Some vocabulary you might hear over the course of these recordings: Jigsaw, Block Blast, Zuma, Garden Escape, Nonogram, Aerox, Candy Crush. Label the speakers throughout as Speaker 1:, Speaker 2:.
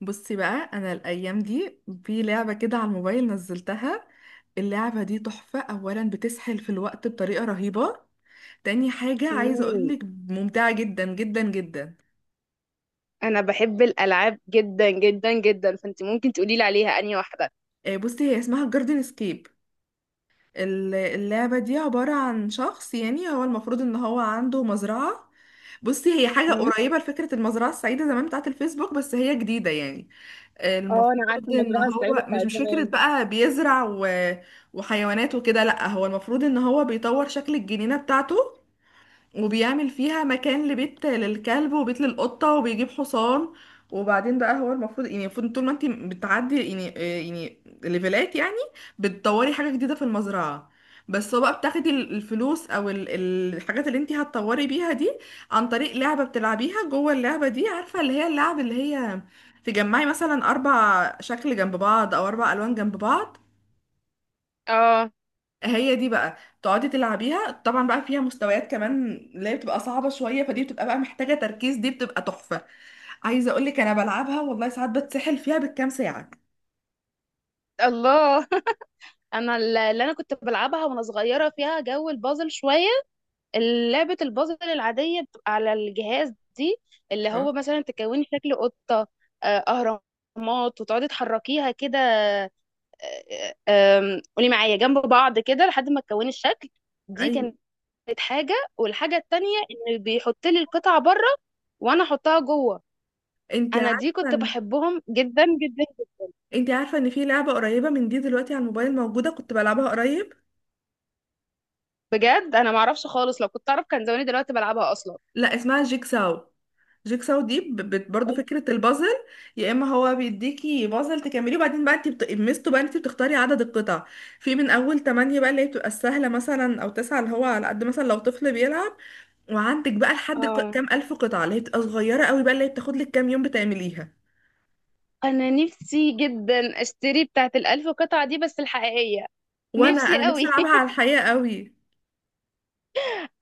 Speaker 1: بصي بقى انا الايام دي في لعبه كده على الموبايل نزلتها. اللعبه دي تحفه. اولا بتسحل في الوقت بطريقه رهيبه. تاني حاجه عايزه
Speaker 2: مم.
Speaker 1: اقولك، ممتعه جدا جدا جدا.
Speaker 2: انا بحب الالعاب جدا جدا جدا، فانت ممكن تقولي لي عليها انهي واحده؟
Speaker 1: آه، بصي هي اسمها جاردن اسكيب. اللعبه دي عباره عن شخص، يعني هو المفروض ان هو عنده مزرعه. بصي هي حاجه
Speaker 2: مم.
Speaker 1: قريبه لفكره المزرعه السعيده زمان بتاعه الفيسبوك، بس هي جديده يعني.
Speaker 2: اه، انا
Speaker 1: المفروض
Speaker 2: عارفه
Speaker 1: ان
Speaker 2: المزرعه السعيده
Speaker 1: هو مش
Speaker 2: بتاعت
Speaker 1: مش فكرة
Speaker 2: زمان.
Speaker 1: بقى بيزرع وحيوانات وكده. لا، هو المفروض ان هو بيطور شكل الجنينة بتاعته، وبيعمل فيها مكان لبيت للكلب وبيت للقطة وبيجيب حصان. وبعدين بقى هو المفروض، يعني المفروض طول ما انت بتعدي يعني، ليفلات يعني بتطوري حاجة جديدة في المزرعة. بس هو بقى بتاخدي الفلوس او الحاجات اللي انت هتطوري بيها دي عن طريق لعبة بتلعبيها جوه اللعبة دي. عارفة اللي هي اللعب اللي هي تجمعي مثلا اربع شكل جنب بعض او اربع الوان جنب بعض.
Speaker 2: اه.
Speaker 1: هي دي بقى تقعدي تلعبيها. طبعا بقى فيها مستويات كمان اللي هي بتبقى صعبة شوية، فدي بتبقى بقى محتاجة تركيز، دي بتبقى تحفة. عايزة اقولك انا بلعبها والله ساعات بتسحل فيها بالكام ساعة.
Speaker 2: الله. انا اللي انا كنت بلعبها وانا صغيره فيها جو البازل شويه. لعبه البازل العاديه بتبقى على الجهاز دي، اللي
Speaker 1: اه،
Speaker 2: هو مثلا تكوني شكل قطه، اهرامات وتقعدي تحركيها كده قولي معايا جنب بعض كده لحد ما تكوني الشكل. دي
Speaker 1: ايوه.
Speaker 2: كانت حاجة، والحاجة التانية ان بيحط لي القطعة بره وانا احطها جوه.
Speaker 1: انت
Speaker 2: انا
Speaker 1: عارفة
Speaker 2: دي كنت
Speaker 1: إن-
Speaker 2: بحبهم جدا جدا.
Speaker 1: انت عارفة ان في لعبة قريبة من دي دلوقتي على الموبايل موجودة كنت بلعبها قريب؟
Speaker 2: بجد، انا معرفش خالص، لو كنت اعرف كان زماني دلوقتي بلعبها اصلا.
Speaker 1: لا، اسمها جيكساو. جيكساو دي برضو فكرة البازل. يا اما هو بيديكي بازل تكمليه وبعدين بقى انت ميزته بقى انت بتختاري عدد القطع. في من اول 8 بقى اللي هي بتبقى السهلة مثلا، او 9 اللي هو على قد مثلا لو طفل بيلعب. وعندك بقى لحد
Speaker 2: اه،
Speaker 1: كام الف قطعة اللي هي بتبقى صغيرة قوي بقى اللي هي بتاخد لك كام يوم بتعمليها.
Speaker 2: انا نفسي جدا اشتري بتاعت الالف قطعة دي بس الحقيقية.
Speaker 1: وانا
Speaker 2: نفسي
Speaker 1: انا نفسي
Speaker 2: قوي.
Speaker 1: العبها على الحقيقة قوي.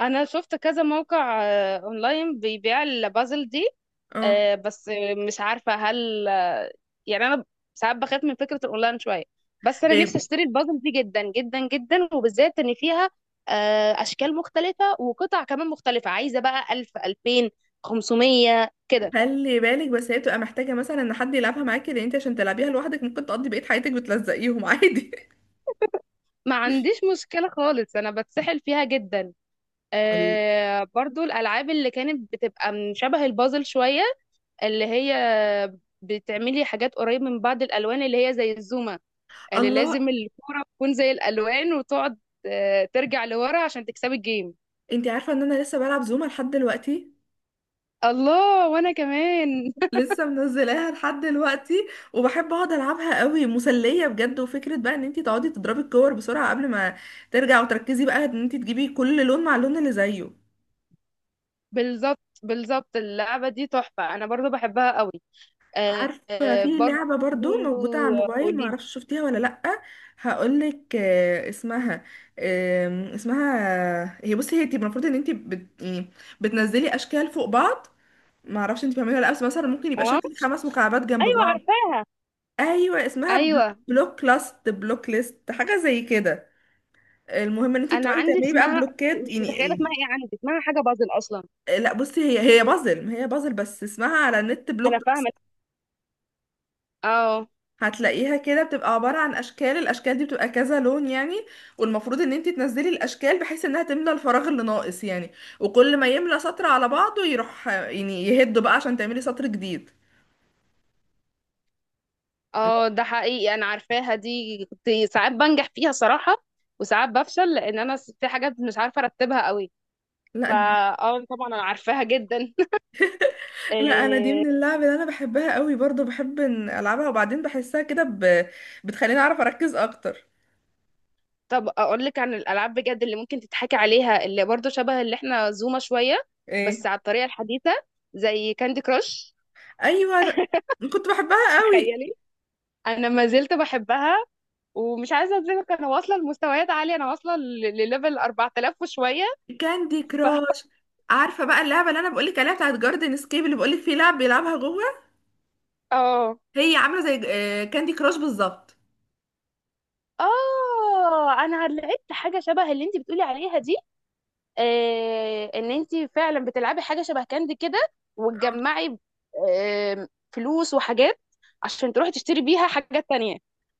Speaker 2: انا شفت كذا موقع اونلاين بيبيع البازل دي،
Speaker 1: اه،
Speaker 2: بس مش عارفه هل يعني انا ساعات بخاف من فكره الاونلاين شويه. بس انا نفسي
Speaker 1: إيه،
Speaker 2: اشتري البازل دي جدا جدا جدا، وبالذات ان فيها اشكال مختلفه وقطع كمان مختلفه، عايزه بقى 1000 2000 500 كده.
Speaker 1: خلي بالك، بس هي بتبقى محتاجة مثلا ان حد يلعبها معاكي، لان انت عشان تلعبيها لوحدك ممكن تقضي بقية حياتك بتلزقيهم عادي.
Speaker 2: ما عنديش مشكله خالص، انا بتسحل فيها جدا. برضو الالعاب اللي كانت بتبقى من شبه البازل شويه، اللي هي بتعملي حاجات قريب من بعض الالوان، اللي هي زي الزومه اللي
Speaker 1: الله.
Speaker 2: لازم الكوره تكون زي الالوان وتقعد ترجع لورا عشان تكسبي الجيم.
Speaker 1: انتي عارفة ان انا لسه بلعب زوما لحد دلوقتي؟
Speaker 2: الله، وانا كمان.
Speaker 1: لسه منزلاها لحد دلوقتي وبحب اقعد العبها قوي، مسلية بجد. وفكرة بقى ان انتي تقعدي تضربي الكور بسرعة قبل ما ترجع، وتركزي بقى ان انتي تجيبي كل لون مع اللون اللي زيه.
Speaker 2: بالظبط بالظبط، اللعبه دي تحفه، انا برضو بحبها قوي. آه
Speaker 1: عارفة في
Speaker 2: برضو.
Speaker 1: لعبة برضو موجودة على الموبايل
Speaker 2: قولي لي.
Speaker 1: معرفش شفتيها ولا لأ؟ هقولك، اسمها، اسمها، هي، بصي هي تبقى المفروض ان انتي يعني بتنزلي اشكال فوق بعض. معرفش انتي بتعمليها ولا لأ، بس مثلا ممكن يبقى
Speaker 2: اه،
Speaker 1: شكل خمس مكعبات جنب
Speaker 2: ايوه
Speaker 1: بعض.
Speaker 2: عارفاها.
Speaker 1: ايوه، اسمها
Speaker 2: ايوه،
Speaker 1: بلوك لاست، بلوك ليست، حاجه زي كده. المهم ان انت
Speaker 2: انا
Speaker 1: بتقعدي
Speaker 2: عندي
Speaker 1: تعملي بقى
Speaker 2: اسمها،
Speaker 1: بلوكات
Speaker 2: مش متخيله اسمها
Speaker 1: يعني.
Speaker 2: ايه، عندي اسمها حاجه بازل اصلا.
Speaker 1: لا بصي، هي بازل، ما هي بازل، بس اسمها على النت
Speaker 2: انا
Speaker 1: بلوك لاست.
Speaker 2: فاهمه. اه.
Speaker 1: هتلاقيها كده بتبقى عباره عن اشكال، الاشكال دي بتبقى كذا لون يعني. والمفروض ان انت تنزلي الاشكال بحيث انها تملى الفراغ اللي ناقص يعني، وكل ما يملى سطر على بعضه يروح يعني يهده بقى عشان تعملي سطر جديد.
Speaker 2: اه، ده حقيقي انا عارفاها دي. كنت ساعات بنجح فيها صراحة، وساعات بفشل، لان انا في حاجات مش عارفة ارتبها قوي. فا،
Speaker 1: لا
Speaker 2: اه طبعا انا عارفاها جدا.
Speaker 1: لا، انا دي
Speaker 2: إيه،
Speaker 1: من اللعب اللي انا بحبها قوي برضو. بحب إن العبها وبعدين بحسها كده بتخليني اعرف اركز اكتر.
Speaker 2: طب اقول لك عن الالعاب بجد اللي ممكن تتحكي عليها، اللي برضو شبه اللي احنا زومة شوية،
Speaker 1: ايه،
Speaker 2: بس على الطريقة الحديثة، زي كاندي كراش.
Speaker 1: ايوه. كنت بحبها قوي.
Speaker 2: تخيلي. انا ما زلت بحبها، ومش عايزة اظلمك، انا واصلة لمستويات عالية، انا واصلة لليفل 4000 وشوية.
Speaker 1: كاندي
Speaker 2: ف،
Speaker 1: كراش. عارفه بقى اللعبه اللي انا بقولك عليها بتاعت جاردن سكيب اللي بقولك في لعب بيلعبها جوه؟
Speaker 2: اه
Speaker 1: هي عامله زي كاندي كراش بالظبط.
Speaker 2: اه، انا لقيت حاجه شبه اللي انت بتقولي عليها دي. آه، ان انت فعلا بتلعبي حاجه شبه كاندي كده،
Speaker 1: آه.
Speaker 2: وتجمعي آه فلوس وحاجات عشان تروحي تشتري بيها حاجات تانية.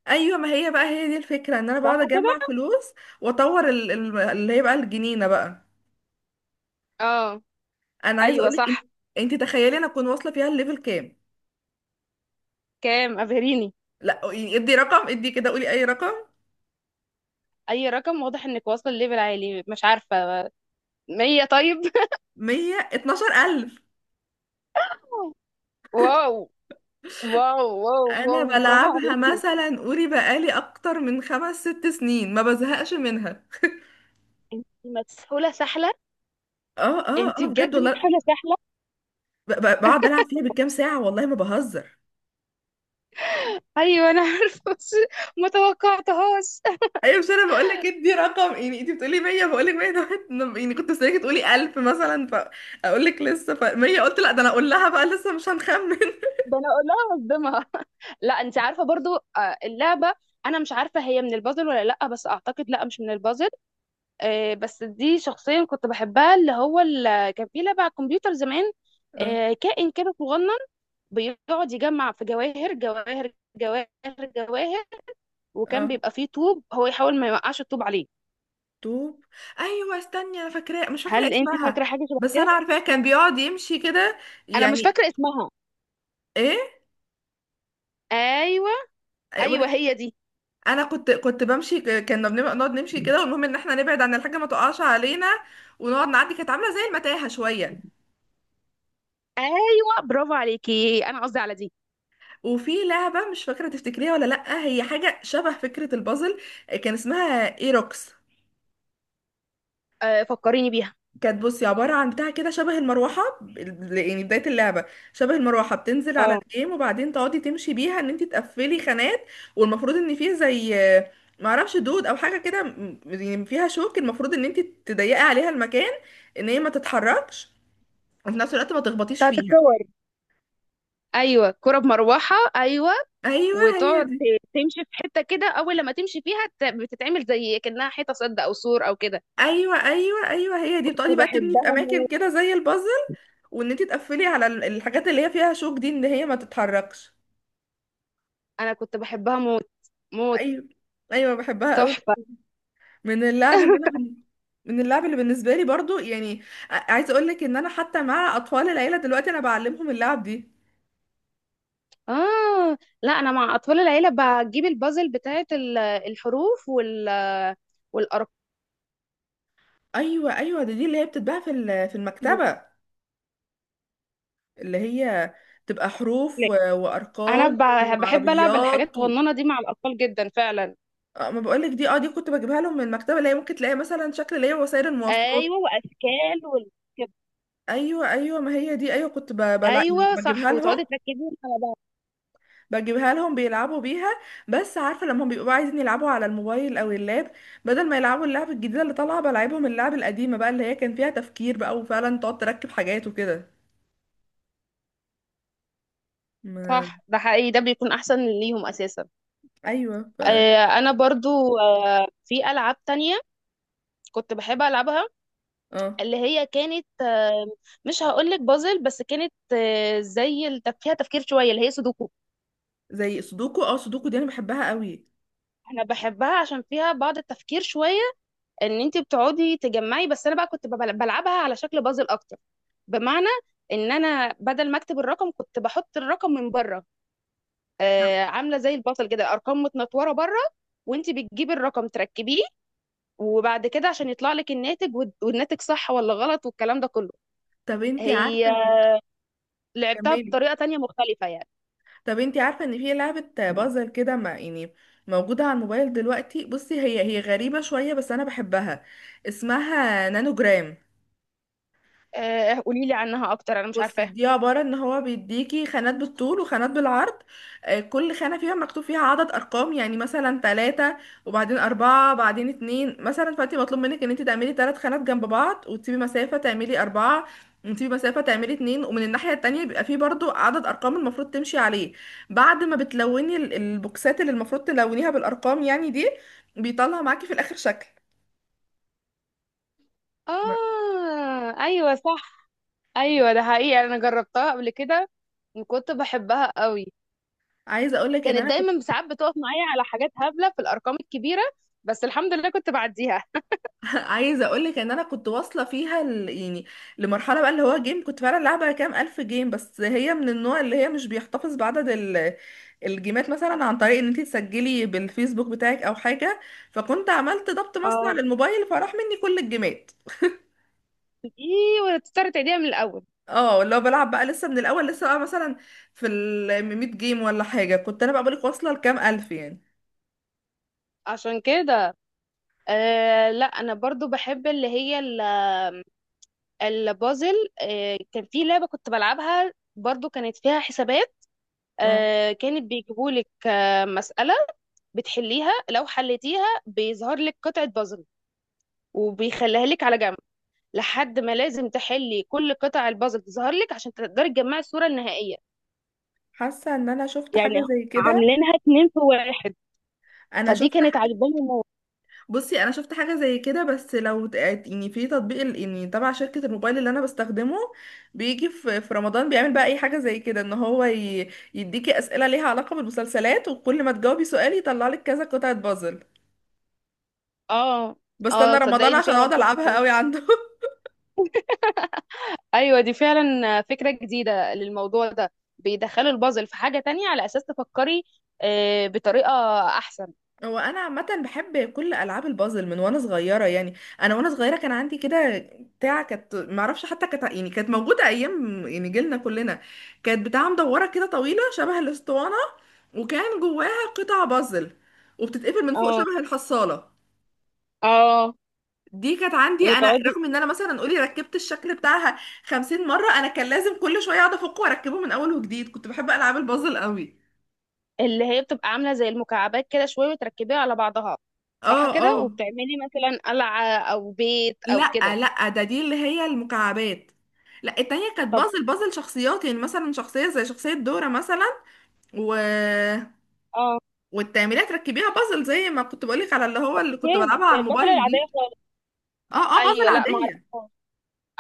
Speaker 1: ايوه ما هي بقى، هي دي الفكره، ان انا بقعد
Speaker 2: صح
Speaker 1: اجمع
Speaker 2: كده.
Speaker 1: فلوس واطور اللي هي بقى الجنينه بقى.
Speaker 2: اه،
Speaker 1: انا عايزه
Speaker 2: ايوه
Speaker 1: اقولك انت،
Speaker 2: صح.
Speaker 1: انت تخيلي انا اكون واصله فيها الليفل كام؟
Speaker 2: كام؟ ابهريني.
Speaker 1: لا، ادي رقم، ادي كده، قولي اي رقم.
Speaker 2: اي رقم، واضح انك واصله لليفل عالي، مش عارفه، 100 طيب؟
Speaker 1: 112,000.
Speaker 2: واو واو واو
Speaker 1: أنا
Speaker 2: واو، برافو
Speaker 1: بلعبها
Speaker 2: عليك.
Speaker 1: مثلا، قولي بقالي أكتر من خمس ست سنين ما بزهقش منها.
Speaker 2: انت مسحوله سحله.
Speaker 1: اه اه
Speaker 2: انت
Speaker 1: اه بجد
Speaker 2: بجد
Speaker 1: والله.
Speaker 2: مسحوله سحله.
Speaker 1: بقعد ألعب فيها بالكام ساعة والله ما بهزر.
Speaker 2: ايوه انا عارفه، بس ما توقعتهاش.
Speaker 1: أيوة، مش أنا بقول لك ادي رقم، يعني أنت بتقولي 100 بقول لك 100، ده يعني كنت مستنيكي تقولي 1000 مثلا فأقول لك لسه ف 100. قلت لا ده أنا أقول لها بقى لسه مش هنخمن.
Speaker 2: ده انا اقول لها اصدمها. لا، انت عارفه برضو اللعبه، انا مش عارفه هي من البازل ولا لا، بس اعتقد لا، مش من البازل. بس دي شخصيا كنت بحبها، اللي هو كان في لعبه على الكمبيوتر زمان،
Speaker 1: اه
Speaker 2: كائن كده صغنن بيقعد يجمع في جواهر جواهر جواهر جواهر، وكان
Speaker 1: اه،
Speaker 2: بيبقى فيه طوب هو يحاول ما يوقعش الطوب عليه.
Speaker 1: طوب. أيوة استني، أنا فاكرة مش فاكرة
Speaker 2: هل انت
Speaker 1: اسمها.
Speaker 2: فاكره حاجه شبه
Speaker 1: بس
Speaker 2: كده؟
Speaker 1: أنا عارفاه كان بيقعد يمشي كده
Speaker 2: انا مش
Speaker 1: يعني.
Speaker 2: فاكره اسمها.
Speaker 1: إيه،
Speaker 2: ايوه ايوه،
Speaker 1: يقول،
Speaker 2: هي دي.
Speaker 1: انا كنت بمشي، كنا بنبقى نقعد نمشي كده، والمهم ان احنا نبعد عن الحاجه ما تقعش علينا، ونقعد نعدي. كانت عامله زي المتاهه شويه.
Speaker 2: ايوه، برافو عليكي، انا قصدي على دي.
Speaker 1: وفي لعبه مش فاكره تفتكريها ولا لا، هي حاجه شبه فكره البازل، كان اسمها ايروكس.
Speaker 2: آه، فكريني بيها.
Speaker 1: كانت، بصي، عباره عن بتاع كده شبه المروحه. يعني بدايه اللعبه شبه المروحه بتنزل على
Speaker 2: اه.
Speaker 1: الجيم، وبعدين تقعدي تمشي بيها ان انت تقفلي خانات. والمفروض ان فيه زي، معرفش دود او حاجه كده، يعني فيها شوك، المفروض ان انت تضيقي عليها المكان، ان هي ما تتحركش، وفي نفس الوقت ما تخبطيش
Speaker 2: بتاعت
Speaker 1: فيها.
Speaker 2: الكور. ايوه، كرة بمروحة، ايوه.
Speaker 1: ايوه هي
Speaker 2: وتقعد
Speaker 1: دي.
Speaker 2: تمشي في حتة كده، اول لما تمشي فيها بتتعمل زي كأنها حيطة سد او سور او كده.
Speaker 1: ايوه ايوه ايوه، هي دي. بتقعدي
Speaker 2: كنت
Speaker 1: بقى تبني في
Speaker 2: بحبها
Speaker 1: اماكن
Speaker 2: موت.
Speaker 1: كده زي البازل، وان انت تقفلي على الحاجات اللي هي فيها شوك دي ان هي ما تتحركش.
Speaker 2: انا كنت بحبها موت موت.
Speaker 1: ايوه، ايوه بحبها قوي.
Speaker 2: تحفة.
Speaker 1: من اللعب اللي انا من اللعب اللي بالنسبه لي برضو يعني. عايزه اقول لك ان انا حتى مع اطفال العيله دلوقتي انا بعلمهم اللعب دي.
Speaker 2: اه لا، انا مع اطفال العيلة بجيب البازل بتاعت الحروف والارقام.
Speaker 1: ايوه، ايوه دي اللي هي بتتباع في المكتبه، اللي هي تبقى حروف
Speaker 2: انا
Speaker 1: وارقام
Speaker 2: بحب العب الحاجات
Speaker 1: وعربيات.
Speaker 2: الصغننة دي مع الاطفال جدا فعلا.
Speaker 1: اه ما بقولك دي، اه دي كنت بجيبها لهم من المكتبه، اللي هي ممكن تلاقي مثلا شكل اللي هي وسائل المواصلات.
Speaker 2: ايوه، واشكال والكده.
Speaker 1: ايوه ايوه ما هي دي. ايوه كنت بلا يعني
Speaker 2: ايوه صح،
Speaker 1: بجيبها لهم.
Speaker 2: وتقعدي تركزي على.
Speaker 1: بجيبها لهم بيلعبوا بيها. بس عارفه لما بيبقوا عايزين يلعبوا على الموبايل او اللاب، بدل ما يلعبوا اللعب الجديده اللي طالعه بلعبهم اللعب القديمه بقى اللي هي كان فيها تفكير بقى، وفعلا تقعد تركب حاجات وكده. ما،
Speaker 2: صح، ده حقيقي، ده بيكون احسن ليهم اساسا.
Speaker 1: ايوه، ف.
Speaker 2: آه انا برضو آه في العاب تانية كنت بحب العبها،
Speaker 1: اه،
Speaker 2: اللي هي كانت آه، مش هقولك بازل، بس كانت آه زي فيها تفكير شويه، اللي هي سودوكو.
Speaker 1: زي سودوكو. اه سودوكو دي انا بحبها قوي.
Speaker 2: انا بحبها عشان فيها بعض التفكير شويه، ان انت بتقعدي تجمعي، بس انا بقى كنت بلعبها على شكل بازل اكتر. بمعنى ان انا بدل ما اكتب الرقم، كنت بحط الرقم من بره، عامله زي البصل كده، ارقام متنطوره بره، وانت بتجيبي الرقم تركبيه، وبعد كده عشان يطلع لك الناتج والناتج صح ولا غلط والكلام ده كله.
Speaker 1: طب انتي
Speaker 2: هي
Speaker 1: عارفه.
Speaker 2: لعبتها
Speaker 1: كملي.
Speaker 2: بطريقه تانية مختلفه يعني.
Speaker 1: طب انتي عارفة ان في لعبة بازل كده ما يعني، موجودة على الموبايل دلوقتي؟ بصي، هي غريبة شوية بس انا بحبها. اسمها نانوجرام.
Speaker 2: قولي لي عنها اكتر، انا مش
Speaker 1: بصي
Speaker 2: عارفاها.
Speaker 1: دي عبارة ان هو بيديكي خانات بالطول وخانات بالعرض. كل خانة فيها مكتوب فيها عدد ارقام، يعني مثلا تلاتة وبعدين اربعة بعدين اتنين مثلا. فانت مطلوب منك ان انت تعملي تلات خانات جنب بعض وتسيبي مسافة تعملي اربعة، وتسيبي مسافة تعملي اتنين، ومن الناحية التانية بيبقى فيه برضو عدد ارقام المفروض تمشي عليه. بعد ما بتلوني البوكسات اللي المفروض تلونيها بالارقام يعني دي، بيطلع معاكي في الاخر شكل.
Speaker 2: اه ايوه صح. ايوه ده حقيقي، انا جربتها قبل كده وكنت بحبها قوي.
Speaker 1: عايزة اقولك ان
Speaker 2: كانت
Speaker 1: انا.
Speaker 2: دايما ساعات بتقف معايا على حاجات هبله في الارقام الكبيره، بس الحمد لله كنت بعديها.
Speaker 1: عايزه اقول لك ان انا كنت واصله فيها يعني لمرحله بقى اللي هو جيم، كنت فعلا لعبه كام الف جيم. بس هي من النوع اللي هي مش بيحتفظ بعدد الجيمات مثلا عن طريق ان انت تسجلي بالفيسبوك بتاعك او حاجه. فكنت عملت ضبط مصنع
Speaker 2: اه.
Speaker 1: للموبايل فراح مني كل الجيمات.
Speaker 2: ايه، وتضطر تعيديها من الاول؟
Speaker 1: اه اللي هو بلعب بقى لسه من الاول، لسه بقى مثلا في ال 100 جيم ولا حاجه، كنت انا بقى بقولك واصله لكام الف يعني.
Speaker 2: عشان كده. أه لا، انا برضو بحب اللي هي البازل. أه كان في لعبة كنت بلعبها برضو، كانت فيها حسابات،
Speaker 1: اه،
Speaker 2: أه كانت بيجيبولك أه مسألة بتحليها، لو حليتيها بيظهر لك قطعة بازل وبيخليها لك على جنب، لحد ما لازم تحلي كل قطع البازل تظهر لك عشان تقدري تجمعي الصورة النهائية.
Speaker 1: حاسه ان انا شفت حاجه
Speaker 2: يعني
Speaker 1: زي كده.
Speaker 2: عاملينها اتنين في واحد.
Speaker 1: انا
Speaker 2: فدي
Speaker 1: شفت
Speaker 2: كانت
Speaker 1: حاجه.
Speaker 2: عجباني موت.
Speaker 1: بصي انا شفت حاجه زي كده، بس لو يعني في تطبيق يعني تبع شركه الموبايل اللي انا بستخدمه، بيجي في رمضان بيعمل بقى اي حاجه زي كده، ان هو يديكي اسئله ليها علاقه بالمسلسلات وكل ما تجاوبي سؤال يطلع لك كذا قطعه بازل.
Speaker 2: اه. اه
Speaker 1: بستنى
Speaker 2: صدقي،
Speaker 1: رمضان
Speaker 2: دي
Speaker 1: عشان
Speaker 2: فعلا
Speaker 1: اقعد العبها
Speaker 2: فكرة.
Speaker 1: قوي عنده.
Speaker 2: ايوه دي فعلا فكره جديده للموضوع ده، بيدخلوا البازل في حاجه تانية على اساس تفكري بطريقه احسن.
Speaker 1: هو انا عامه بحب كل العاب البازل من وانا صغيره يعني. انا وانا صغيره كان عندي كده بتاع، كانت ما اعرفش حتى كانت، يعني كانت موجوده ايام يعني جيلنا كلنا. كانت بتاع مدوره كده طويله شبه الاسطوانه، وكان جواها قطع بازل، وبتتقفل من فوق
Speaker 2: اه.
Speaker 1: شبه الحصاله.
Speaker 2: اه
Speaker 1: دي كانت عندي انا.
Speaker 2: وتقعدي.
Speaker 1: رغم ان انا مثلا قولي ركبت الشكل بتاعها 50 مره، انا كان لازم كل شويه اقعد افكه واركبه من اول وجديد. كنت بحب العاب البازل قوي.
Speaker 2: اللي هي بتبقى عامله زي المكعبات كده شويه وتركبيها على بعضها. صح
Speaker 1: اه اه،
Speaker 2: كده، وبتعملي مثلا قلعه او بيت او
Speaker 1: لا
Speaker 2: كده.
Speaker 1: لا ده، دي اللي هي المكعبات. لا التانية كانت
Speaker 2: طب.
Speaker 1: بازل، بازل شخصيات يعني، مثلا شخصية زي شخصية دورة مثلا. و...
Speaker 2: اه.
Speaker 1: والتعميرية تركبيها بازل، زي ما كنت بقولك على اللي هو اللي كنت
Speaker 2: كيف؟
Speaker 1: بلعبها
Speaker 2: زي
Speaker 1: على
Speaker 2: البازل
Speaker 1: الموبايل دي.
Speaker 2: العاديه خالص.
Speaker 1: اه اه، بازل
Speaker 2: ايوه لا، ما
Speaker 1: عادية.
Speaker 2: اعرفهاش.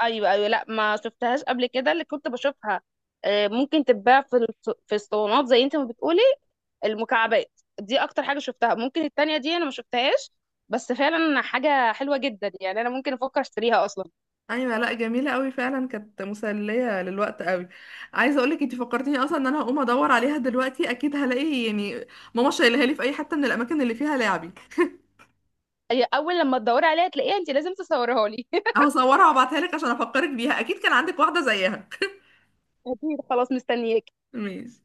Speaker 2: ايوه ايوه لا، ما شفتهاش قبل كده. اللي كنت بشوفها ممكن تتباع في في الصالونات زي انت ما بتقولي. المكعبات دي اكتر حاجه شفتها، ممكن التانية دي انا ما شفتهاش. بس فعلا حاجه حلوه جدا، يعني انا ممكن افكر اشتريها اصلا.
Speaker 1: ايوه، لا، جميلة قوي فعلا، كانت مسلية للوقت قوي. عايزة اقولك انت فكرتيني اصلا ان انا هقوم ادور عليها دلوقتي، اكيد هلاقي يعني ماما شايلها لي في اي حتة من الاماكن اللي فيها لعبي.
Speaker 2: هي اول لما تدوري عليها تلاقيها، انت لازم تصورها لي.
Speaker 1: هصورها وابعتها لك عشان افكرك بيها، اكيد كان عندك واحدة زيها.
Speaker 2: اكيد، خلاص مستنياك.
Speaker 1: ماشي.